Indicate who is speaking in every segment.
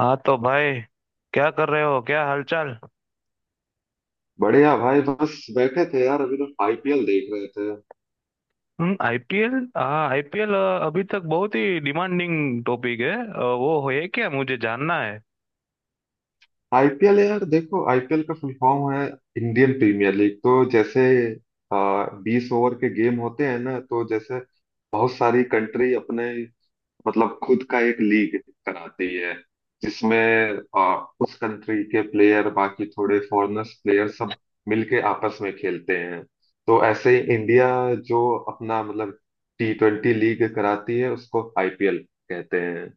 Speaker 1: हाँ तो भाई, क्या कर रहे हो? क्या हालचाल?
Speaker 2: बढ़िया भाई। बस बैठे थे यार, अभी तो आईपीएल देख रहे थे।
Speaker 1: हम्म, आईपीएल, हाँ आईपीएल। अभी तक बहुत ही डिमांडिंग टॉपिक है, वो है क्या, मुझे जानना है।
Speaker 2: आईपीएल यार, देखो आईपीएल का फुल फॉर्म है इंडियन प्रीमियर लीग। तो जैसे 20 ओवर के गेम होते हैं ना, तो जैसे बहुत सारी कंट्री अपने, मतलब खुद का एक लीग कराती है जिसमें आ, उस कंट्री के प्लेयर बाकी थोड़े फॉरेनर्स प्लेयर सब मिलके आपस में खेलते हैं। तो ऐसे ही इंडिया जो अपना मतलब T20 लीग कराती है उसको आईपीएल कहते हैं।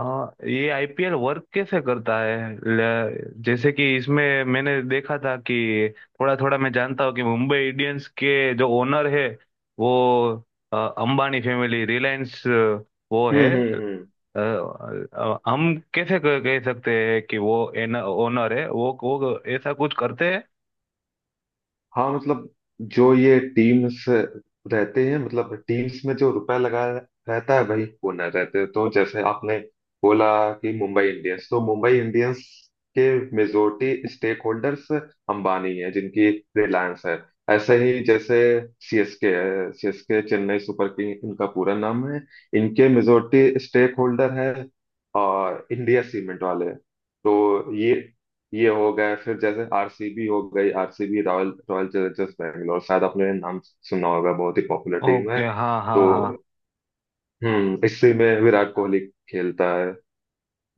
Speaker 1: हाँ, ये आईपीएल वर्क कैसे करता है? जैसे कि इसमें मैंने देखा था कि थोड़ा थोड़ा मैं जानता हूँ कि मुंबई इंडियंस के जो ओनर है वो अंबानी फैमिली, रिलायंस। वो है
Speaker 2: हम्म।
Speaker 1: हम कैसे कह कह सकते हैं कि वो एन ओनर है? वो ऐसा कुछ करते हैं?
Speaker 2: हाँ मतलब जो ये टीम्स रहते हैं, मतलब टीम्स में जो रुपया लगा रहता है वही ओनर रहते हैं। तो जैसे आपने बोला कि मुंबई इंडियंस, तो मुंबई इंडियंस के मेजोरिटी स्टेक होल्डर्स अंबानी है जिनकी रिलायंस है। ऐसे ही जैसे सीएसके है, सीएसके चेन्नई सुपर किंग इनका पूरा नाम है। इनके मेजोरिटी स्टेक होल्डर है और इंडिया सीमेंट वाले। तो ये हो गए, फिर जैसे आरसीबी हो गई, RCB Royal Royal Challengers Bangalore, शायद आपने नाम सुना होगा, बहुत ही पॉपुलर टीम है।
Speaker 1: ओके, हाँ हाँ
Speaker 2: तो
Speaker 1: हाँ।
Speaker 2: हम्म, इसी में विराट कोहली खेलता है।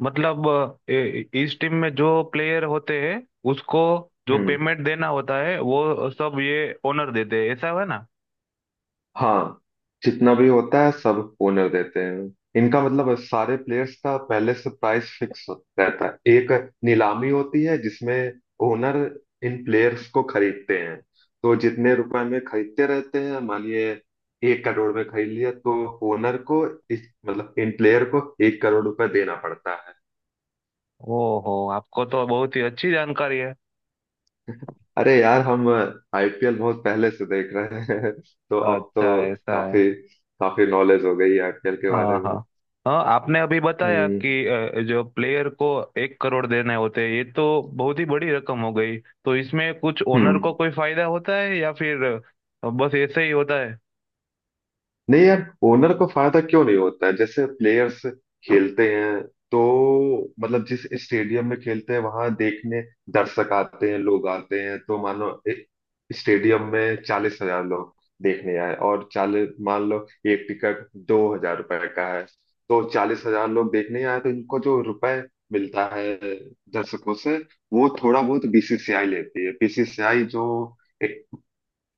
Speaker 1: मतलब इस टीम में जो प्लेयर होते हैं उसको जो
Speaker 2: हम्म।
Speaker 1: पेमेंट देना होता है वो सब ये ओनर देते हैं, ऐसा है ना?
Speaker 2: हाँ, जितना भी होता है सब ओनर देते हैं। इनका मतलब सारे प्लेयर्स का पहले से प्राइस फिक्स रहता है, एक नीलामी होती है जिसमें ओनर इन प्लेयर्स को खरीदते हैं। तो जितने रुपए में खरीदते रहते हैं, मानिए 1 करोड़ में खरीद लिया तो ओनर को, इस मतलब इन प्लेयर को 1 करोड़ रुपए देना पड़ता है।
Speaker 1: ओहो, आपको तो बहुत ही अच्छी जानकारी है।
Speaker 2: अरे यार, हम आईपीएल बहुत पहले से देख रहे हैं तो अब
Speaker 1: अच्छा,
Speaker 2: तो
Speaker 1: ऐसा है।
Speaker 2: काफी काफी नॉलेज हो गई है आईपीएल के
Speaker 1: हाँ
Speaker 2: बारे
Speaker 1: हाँ
Speaker 2: में।
Speaker 1: हाँ, आपने अभी बताया
Speaker 2: हम्म
Speaker 1: कि जो प्लेयर को 1 करोड़ देने होते हैं, ये तो बहुत ही बड़ी रकम हो गई। तो इसमें कुछ ओनर
Speaker 2: हम्म।
Speaker 1: को कोई फायदा होता है, या फिर बस ऐसे ही होता है?
Speaker 2: नहीं यार, ओनर को फायदा क्यों नहीं होता है। जैसे प्लेयर्स खेलते हैं तो मतलब जिस स्टेडियम में खेलते हैं वहां देखने दर्शक आते हैं, लोग आते हैं, तो मान लो एक स्टेडियम में 40,000 लोग देखने आए, और चालीस, मान लो एक टिकट 2,000 रुपए का है, तो 40,000 लोग देखने आए तो इनको जो रुपए मिलता है दर्शकों से, वो थोड़ा बहुत बीसीसीआई लेती है। बीसीसीआई जो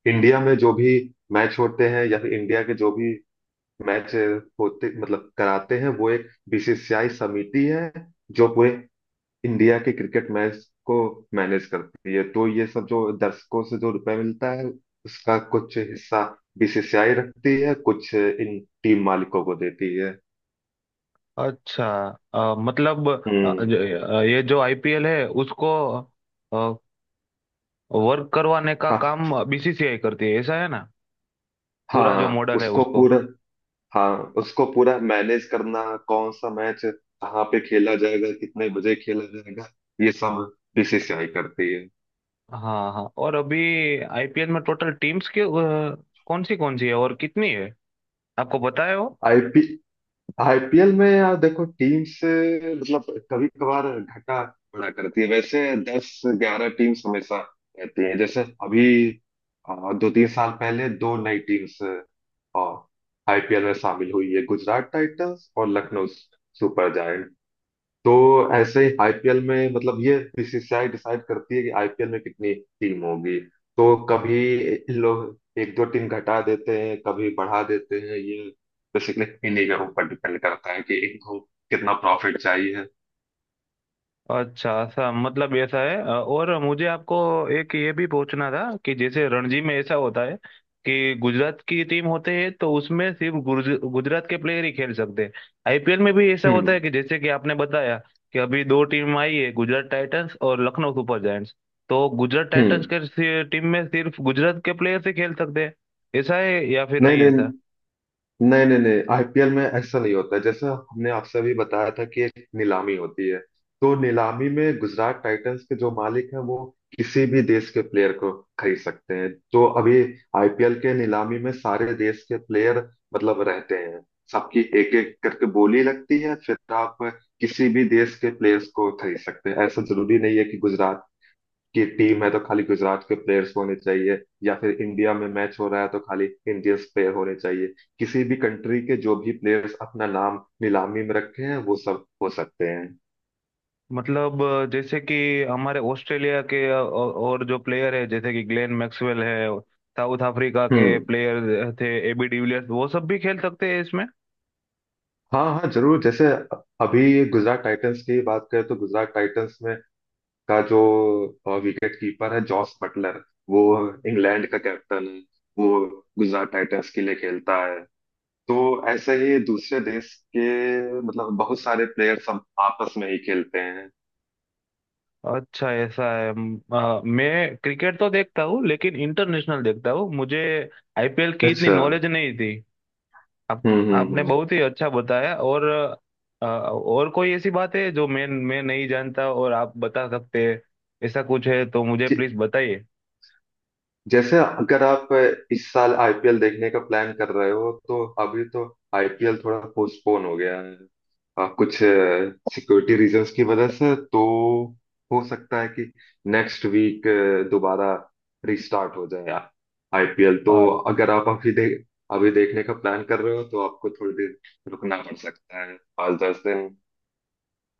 Speaker 2: इंडिया में जो भी मैच होते हैं या फिर इंडिया के जो भी मैच होते मतलब कराते हैं, वो एक बीसीसीआई समिति है जो पूरे इंडिया के क्रिकेट मैच को मैनेज करती है। तो ये सब जो दर्शकों से जो रुपए मिलता है उसका कुछ हिस्सा बीसीसीआई रखती है, कुछ इन टीम मालिकों को देती है।
Speaker 1: अच्छा। मतलब अ, ज-
Speaker 2: हम्म।
Speaker 1: ये जो आईपीएल है उसको वर्क करवाने का
Speaker 2: हाँ।
Speaker 1: काम बीसीसीआई करती है, ऐसा है ना? पूरा जो
Speaker 2: हाँ
Speaker 1: मॉडल है
Speaker 2: उसको
Speaker 1: उसको।
Speaker 2: पूरा हाँ उसको पूरा मैनेज करना, कौन सा मैच कहाँ पे खेला जाएगा, कितने बजे खेला जाएगा, ये सब बीसीसीआई करती है।
Speaker 1: हाँ हाँ, और अभी आईपीएल में टोटल टीम्स के कौन सी है और कितनी है, आपको पता है वो?
Speaker 2: आईपी आईपीएल में यार देखो, टीम से मतलब कभी कभार घटा बढ़ा करती है, वैसे दस ग्यारह टीम्स हमेशा रहती है। जैसे अभी अ, दो तीन साल पहले दो नई टीम्स आईपीएल में शामिल हुई है, गुजरात टाइटंस और लखनऊ सुपर। तो ऐसे ही आईपीएल में मतलब ये बीसीसीआई डिसाइड करती है कि आईपीएल में कितनी टीम होगी। तो कभी इन लोग एक दो टीम घटा देते हैं, कभी बढ़ा देते हैं। ये बेसिकली इन्हीं के ऊपर डिपेंड करता है कि इनको कितना प्रॉफिट चाहिए।
Speaker 1: अच्छा, ऐसा, मतलब ऐसा है। और मुझे आपको एक ये भी पूछना था कि जैसे रणजी में ऐसा होता है कि गुजरात की टीम होते हैं तो उसमें सिर्फ गुजरात के प्लेयर ही खेल सकते हैं। आईपीएल में भी ऐसा होता है
Speaker 2: हम्म
Speaker 1: कि, जैसे कि आपने बताया कि अभी दो टीम आई है, गुजरात टाइटंस और लखनऊ सुपर जायंट्स, तो गुजरात टाइटंस
Speaker 2: हम्म।
Speaker 1: के टीम में सिर्फ गुजरात के प्लेयर ही खेल सकते हैं, ऐसा है या फिर
Speaker 2: नहीं
Speaker 1: नहीं
Speaker 2: नहीं
Speaker 1: ऐसा?
Speaker 2: नहीं नहीं नहीं, आईपीएल में ऐसा नहीं होता है। जैसा हमने आपसे अभी बताया था कि एक नीलामी होती है, तो नीलामी में गुजरात टाइटंस के जो मालिक हैं वो किसी भी देश के प्लेयर को खरीद सकते हैं। तो अभी आईपीएल के नीलामी में सारे देश के प्लेयर मतलब रहते हैं, सबकी एक एक करके बोली लगती है, फिर आप किसी भी देश के प्लेयर्स को खरीद सकते हैं। ऐसा जरूरी नहीं है कि गुजरात की टीम है तो खाली गुजरात के प्लेयर्स होने चाहिए, या फिर इंडिया में मैच हो रहा है तो खाली इंडियंस प्लेयर होने चाहिए। किसी भी कंट्री के जो भी प्लेयर्स अपना नाम नीलामी में रखे हैं वो सब हो सकते हैं।
Speaker 1: मतलब जैसे कि हमारे ऑस्ट्रेलिया के और जो प्लेयर है, जैसे कि ग्लेन मैक्सवेल है, साउथ अफ्रीका के
Speaker 2: हम्म।
Speaker 1: प्लेयर थे एबी डिविलियर्स, वो सब भी खेल सकते हैं इसमें?
Speaker 2: हाँ हाँ जरूर। जैसे अभी गुजरात टाइटंस की बात करें तो गुजरात टाइटंस में का जो विकेट कीपर है जॉस बटलर, वो इंग्लैंड का कैप्टन है, वो गुजरात टाइटंस के लिए खेलता है। तो ऐसे ही दूसरे देश के मतलब बहुत सारे प्लेयर्स हम आपस में ही खेलते हैं।
Speaker 1: अच्छा, ऐसा है। मैं क्रिकेट तो देखता हूँ लेकिन इंटरनेशनल देखता हूँ, मुझे आईपीएल की इतनी
Speaker 2: अच्छा।
Speaker 1: नॉलेज नहीं थी। आप, आपने
Speaker 2: हम्म।
Speaker 1: बहुत ही अच्छा बताया। और और कोई ऐसी बात है जो मैं नहीं जानता और आप बता सकते हैं, ऐसा कुछ है तो मुझे प्लीज बताइए।
Speaker 2: जैसे अगर आप इस साल आईपीएल देखने का प्लान कर रहे हो तो अभी तो आईपीएल थोड़ा पोस्टपोन हो गया है, कुछ सिक्योरिटी रीजंस की वजह से। तो हो सकता है कि नेक्स्ट वीक दोबारा रिस्टार्ट हो जाए आईपीएल। तो अगर आप अभी देखने का प्लान कर रहे हो तो आपको थोड़ी देर रुकना पड़ सकता है, पाँच दस दिन।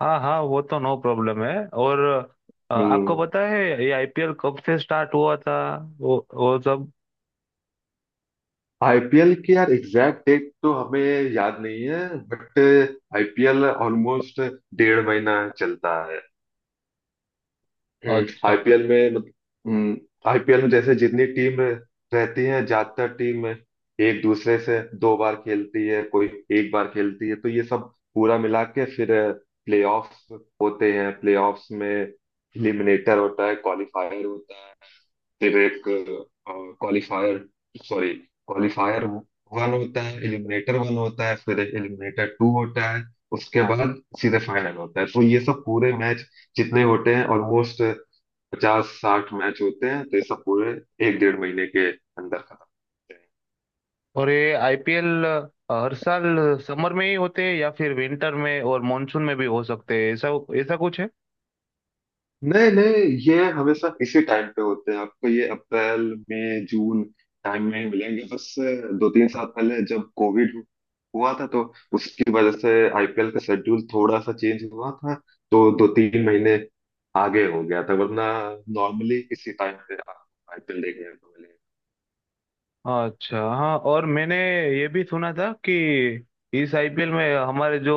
Speaker 1: हाँ हाँ, वो तो नो प्रॉब्लम है। और आपको
Speaker 2: हम्म।
Speaker 1: पता है ये आईपीएल कब से स्टार्ट हुआ था, वो सब?
Speaker 2: आईपीएल की यार एग्जैक्ट डेट तो हमें याद नहीं है, बट आईपीएल ऑलमोस्ट डेढ़ महीना चलता है।
Speaker 1: अच्छा।
Speaker 2: आईपीएल में, आईपीएल में जैसे जितनी टीम रहती है, ज्यादातर टीम एक दूसरे से दो बार खेलती है, कोई एक बार खेलती है, तो ये सब पूरा मिला के फिर प्लेऑफ्स होते हैं। प्लेऑफ्स में एलिमिनेटर होता है, क्वालिफायर होता है, फिर एक क्वालिफायर सॉरी क्वालिफायर वन होता है, एलिमिनेटर वन होता है, फिर एलिमिनेटर टू होता है, उसके बाद सीधे फाइनल होता है। तो ये सब पूरे मैच जितने होते हैं ऑलमोस्ट पचास साठ मैच होते हैं, तो ये सब पूरे एक डेढ़ महीने के अंदर खत्म होते हैं।
Speaker 1: और ये आईपीएल हर साल समर में ही होते हैं या फिर विंटर में और मॉनसून में भी हो सकते हैं, ऐसा ऐसा कुछ है?
Speaker 2: नहीं नहीं, ये हमेशा इसी टाइम पे होते हैं। आपको ये अप्रैल मई जून टाइम में ही मिलेंगे। बस दो तीन साल पहले जब कोविड हुआ था तो उसकी वजह से आईपीएल का शेड्यूल थोड़ा सा चेंज हुआ था, तो दो तीन महीने आगे हो गया था, वरना नॉर्मली इसी टाइम पे आपको आईपीएल देखने को मिलेगा।
Speaker 1: अच्छा। हाँ, और मैंने ये भी सुना था कि इस आईपीएल में हमारे जो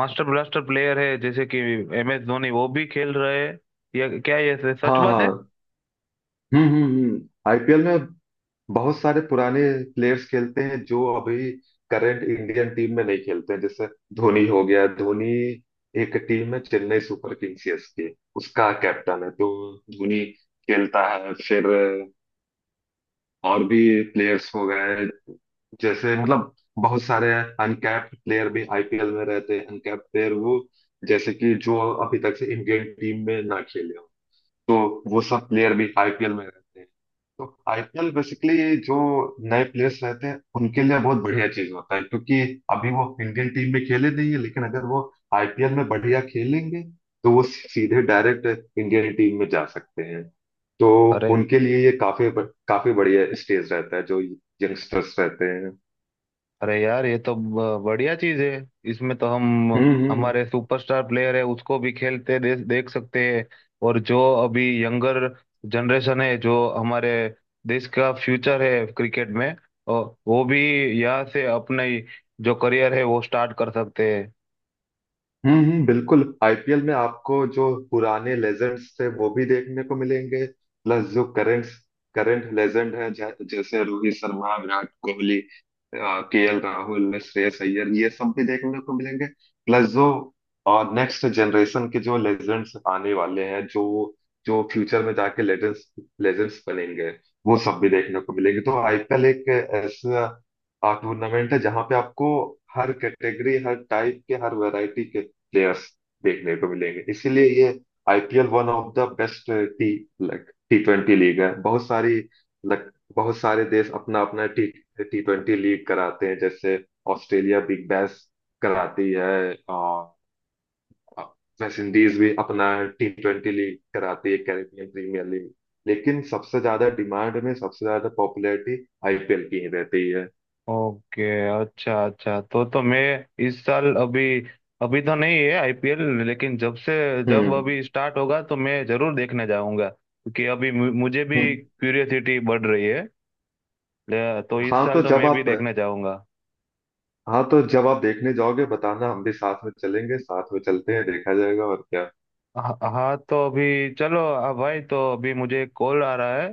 Speaker 1: मास्टर ब्लास्टर प्लेयर है, जैसे कि एम एस धोनी, वो भी खेल रहे हैं, ये क्या, ये सच
Speaker 2: हाँ
Speaker 1: बात है?
Speaker 2: हाँ। हम्म। आईपीएल में बहुत सारे पुराने प्लेयर्स खेलते हैं जो अभी करंट इंडियन टीम में नहीं खेलते हैं। जैसे धोनी हो गया, धोनी एक टीम है चेन्नई सुपर किंग सीएसके उसका कैप्टन है, तो धोनी खेलता है। फिर और भी प्लेयर्स हो गए जैसे, मतलब बहुत सारे अनकैप्ड प्लेयर भी आईपीएल में रहते हैं। अनकैप्ड प्लेयर वो जैसे कि जो अभी तक से इंडियन टीम में ना खेले हो, तो वो सब प्लेयर भी आईपीएल में रहते हैं। तो आईपीएल बेसिकली जो नए प्लेयर्स रहते हैं उनके लिए बहुत बढ़िया चीज होता है क्योंकि अभी वो इंडियन टीम में खेले नहीं है, लेकिन अगर वो आईपीएल में बढ़िया खेलेंगे तो वो सीधे डायरेक्ट इंडियन टीम में जा सकते हैं। तो
Speaker 1: अरे,
Speaker 2: उनके लिए ये काफी काफी बढ़िया स्टेज रहता है जो यंगस्टर्स रहते हैं।
Speaker 1: अरे यार, ये तो बढ़िया चीज है। इसमें तो हम
Speaker 2: हम्म।
Speaker 1: हमारे सुपरस्टार प्लेयर है उसको भी खेलते देख सकते हैं। और जो अभी यंगर जनरेशन है, जो हमारे देश का फ्यूचर है क्रिकेट में, अ, वो भी यहाँ से अपना ही जो करियर है वो स्टार्ट कर सकते हैं।
Speaker 2: बिल्कुल। आईपीएल में आपको जो पुराने लेजेंड्स थे वो भी देखने को मिलेंगे। प्लस जो करंट करंट लेजेंड है जैसे रोहित शर्मा, विराट कोहली, केएल राहुल, श्रेयस अय्यर, ये सब भी देखने को मिलेंगे। प्लस जो और नेक्स्ट जनरेशन के जो लेजेंड्स आने वाले हैं, जो जो फ्यूचर में जाके लेजेंड्स लेजेंड्स बनेंगे, वो सब भी देखने को मिलेंगे। तो आईपीएल एक ऐसा टूर्नामेंट है जहां पे आपको हर कैटेगरी, हर टाइप के, हर वैरायटी के प्लेयर्स देखने को मिलेंगे। इसीलिए ये IPL one of the best T T20 league है। बहुत सारी लाइक बहुत सारे देश अपना अपना टी T20 लीग कराते हैं, जैसे ऑस्ट्रेलिया बिग बैश कराती है, और वेस्ट इंडीज भी अपना T20 लीग कराती है, कैरेबियन प्रीमियर लीग। लेकिन सबसे ज्यादा डिमांड में, सबसे ज्यादा पॉपुलैरिटी आईपीएल की ही रहती है।
Speaker 1: ओके, अच्छा अच्छा, तो मैं इस साल, अभी अभी तो नहीं है आईपीएल, लेकिन जब
Speaker 2: हम्म
Speaker 1: अभी स्टार्ट होगा तो मैं जरूर देखने जाऊंगा क्योंकि अभी मुझे भी
Speaker 2: हम्म।
Speaker 1: क्यूरियोसिटी बढ़ रही है। तो इस
Speaker 2: हाँ,
Speaker 1: साल तो मैं भी देखने जाऊंगा।
Speaker 2: तो जब आप देखने जाओगे बताना, हम भी साथ में चलेंगे, साथ में चलते हैं, देखा जाएगा और क्या।
Speaker 1: हाँ, तो अभी चलो आ भाई, तो अभी मुझे एक कॉल आ रहा है।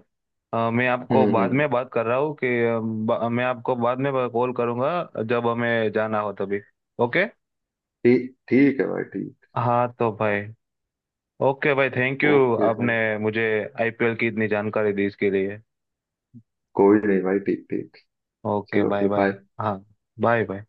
Speaker 1: मैं आपको बाद
Speaker 2: हम्म।
Speaker 1: में बात कर रहा हूँ कि मैं आपको बाद में कॉल करूंगा, जब हमें जाना हो तभी। ओके।
Speaker 2: ठीक ठीक है भाई, ठीक।
Speaker 1: हाँ तो भाई, ओके भाई, थैंक यू,
Speaker 2: ओके भाई।
Speaker 1: आपने मुझे आईपीएल की इतनी जानकारी दी इसके लिए।
Speaker 2: कोई नहीं भाई, ठीक ठीक।
Speaker 1: ओके,
Speaker 2: चलो
Speaker 1: बाय
Speaker 2: फिर
Speaker 1: बाय।
Speaker 2: बाय।
Speaker 1: हाँ, बाय बाय।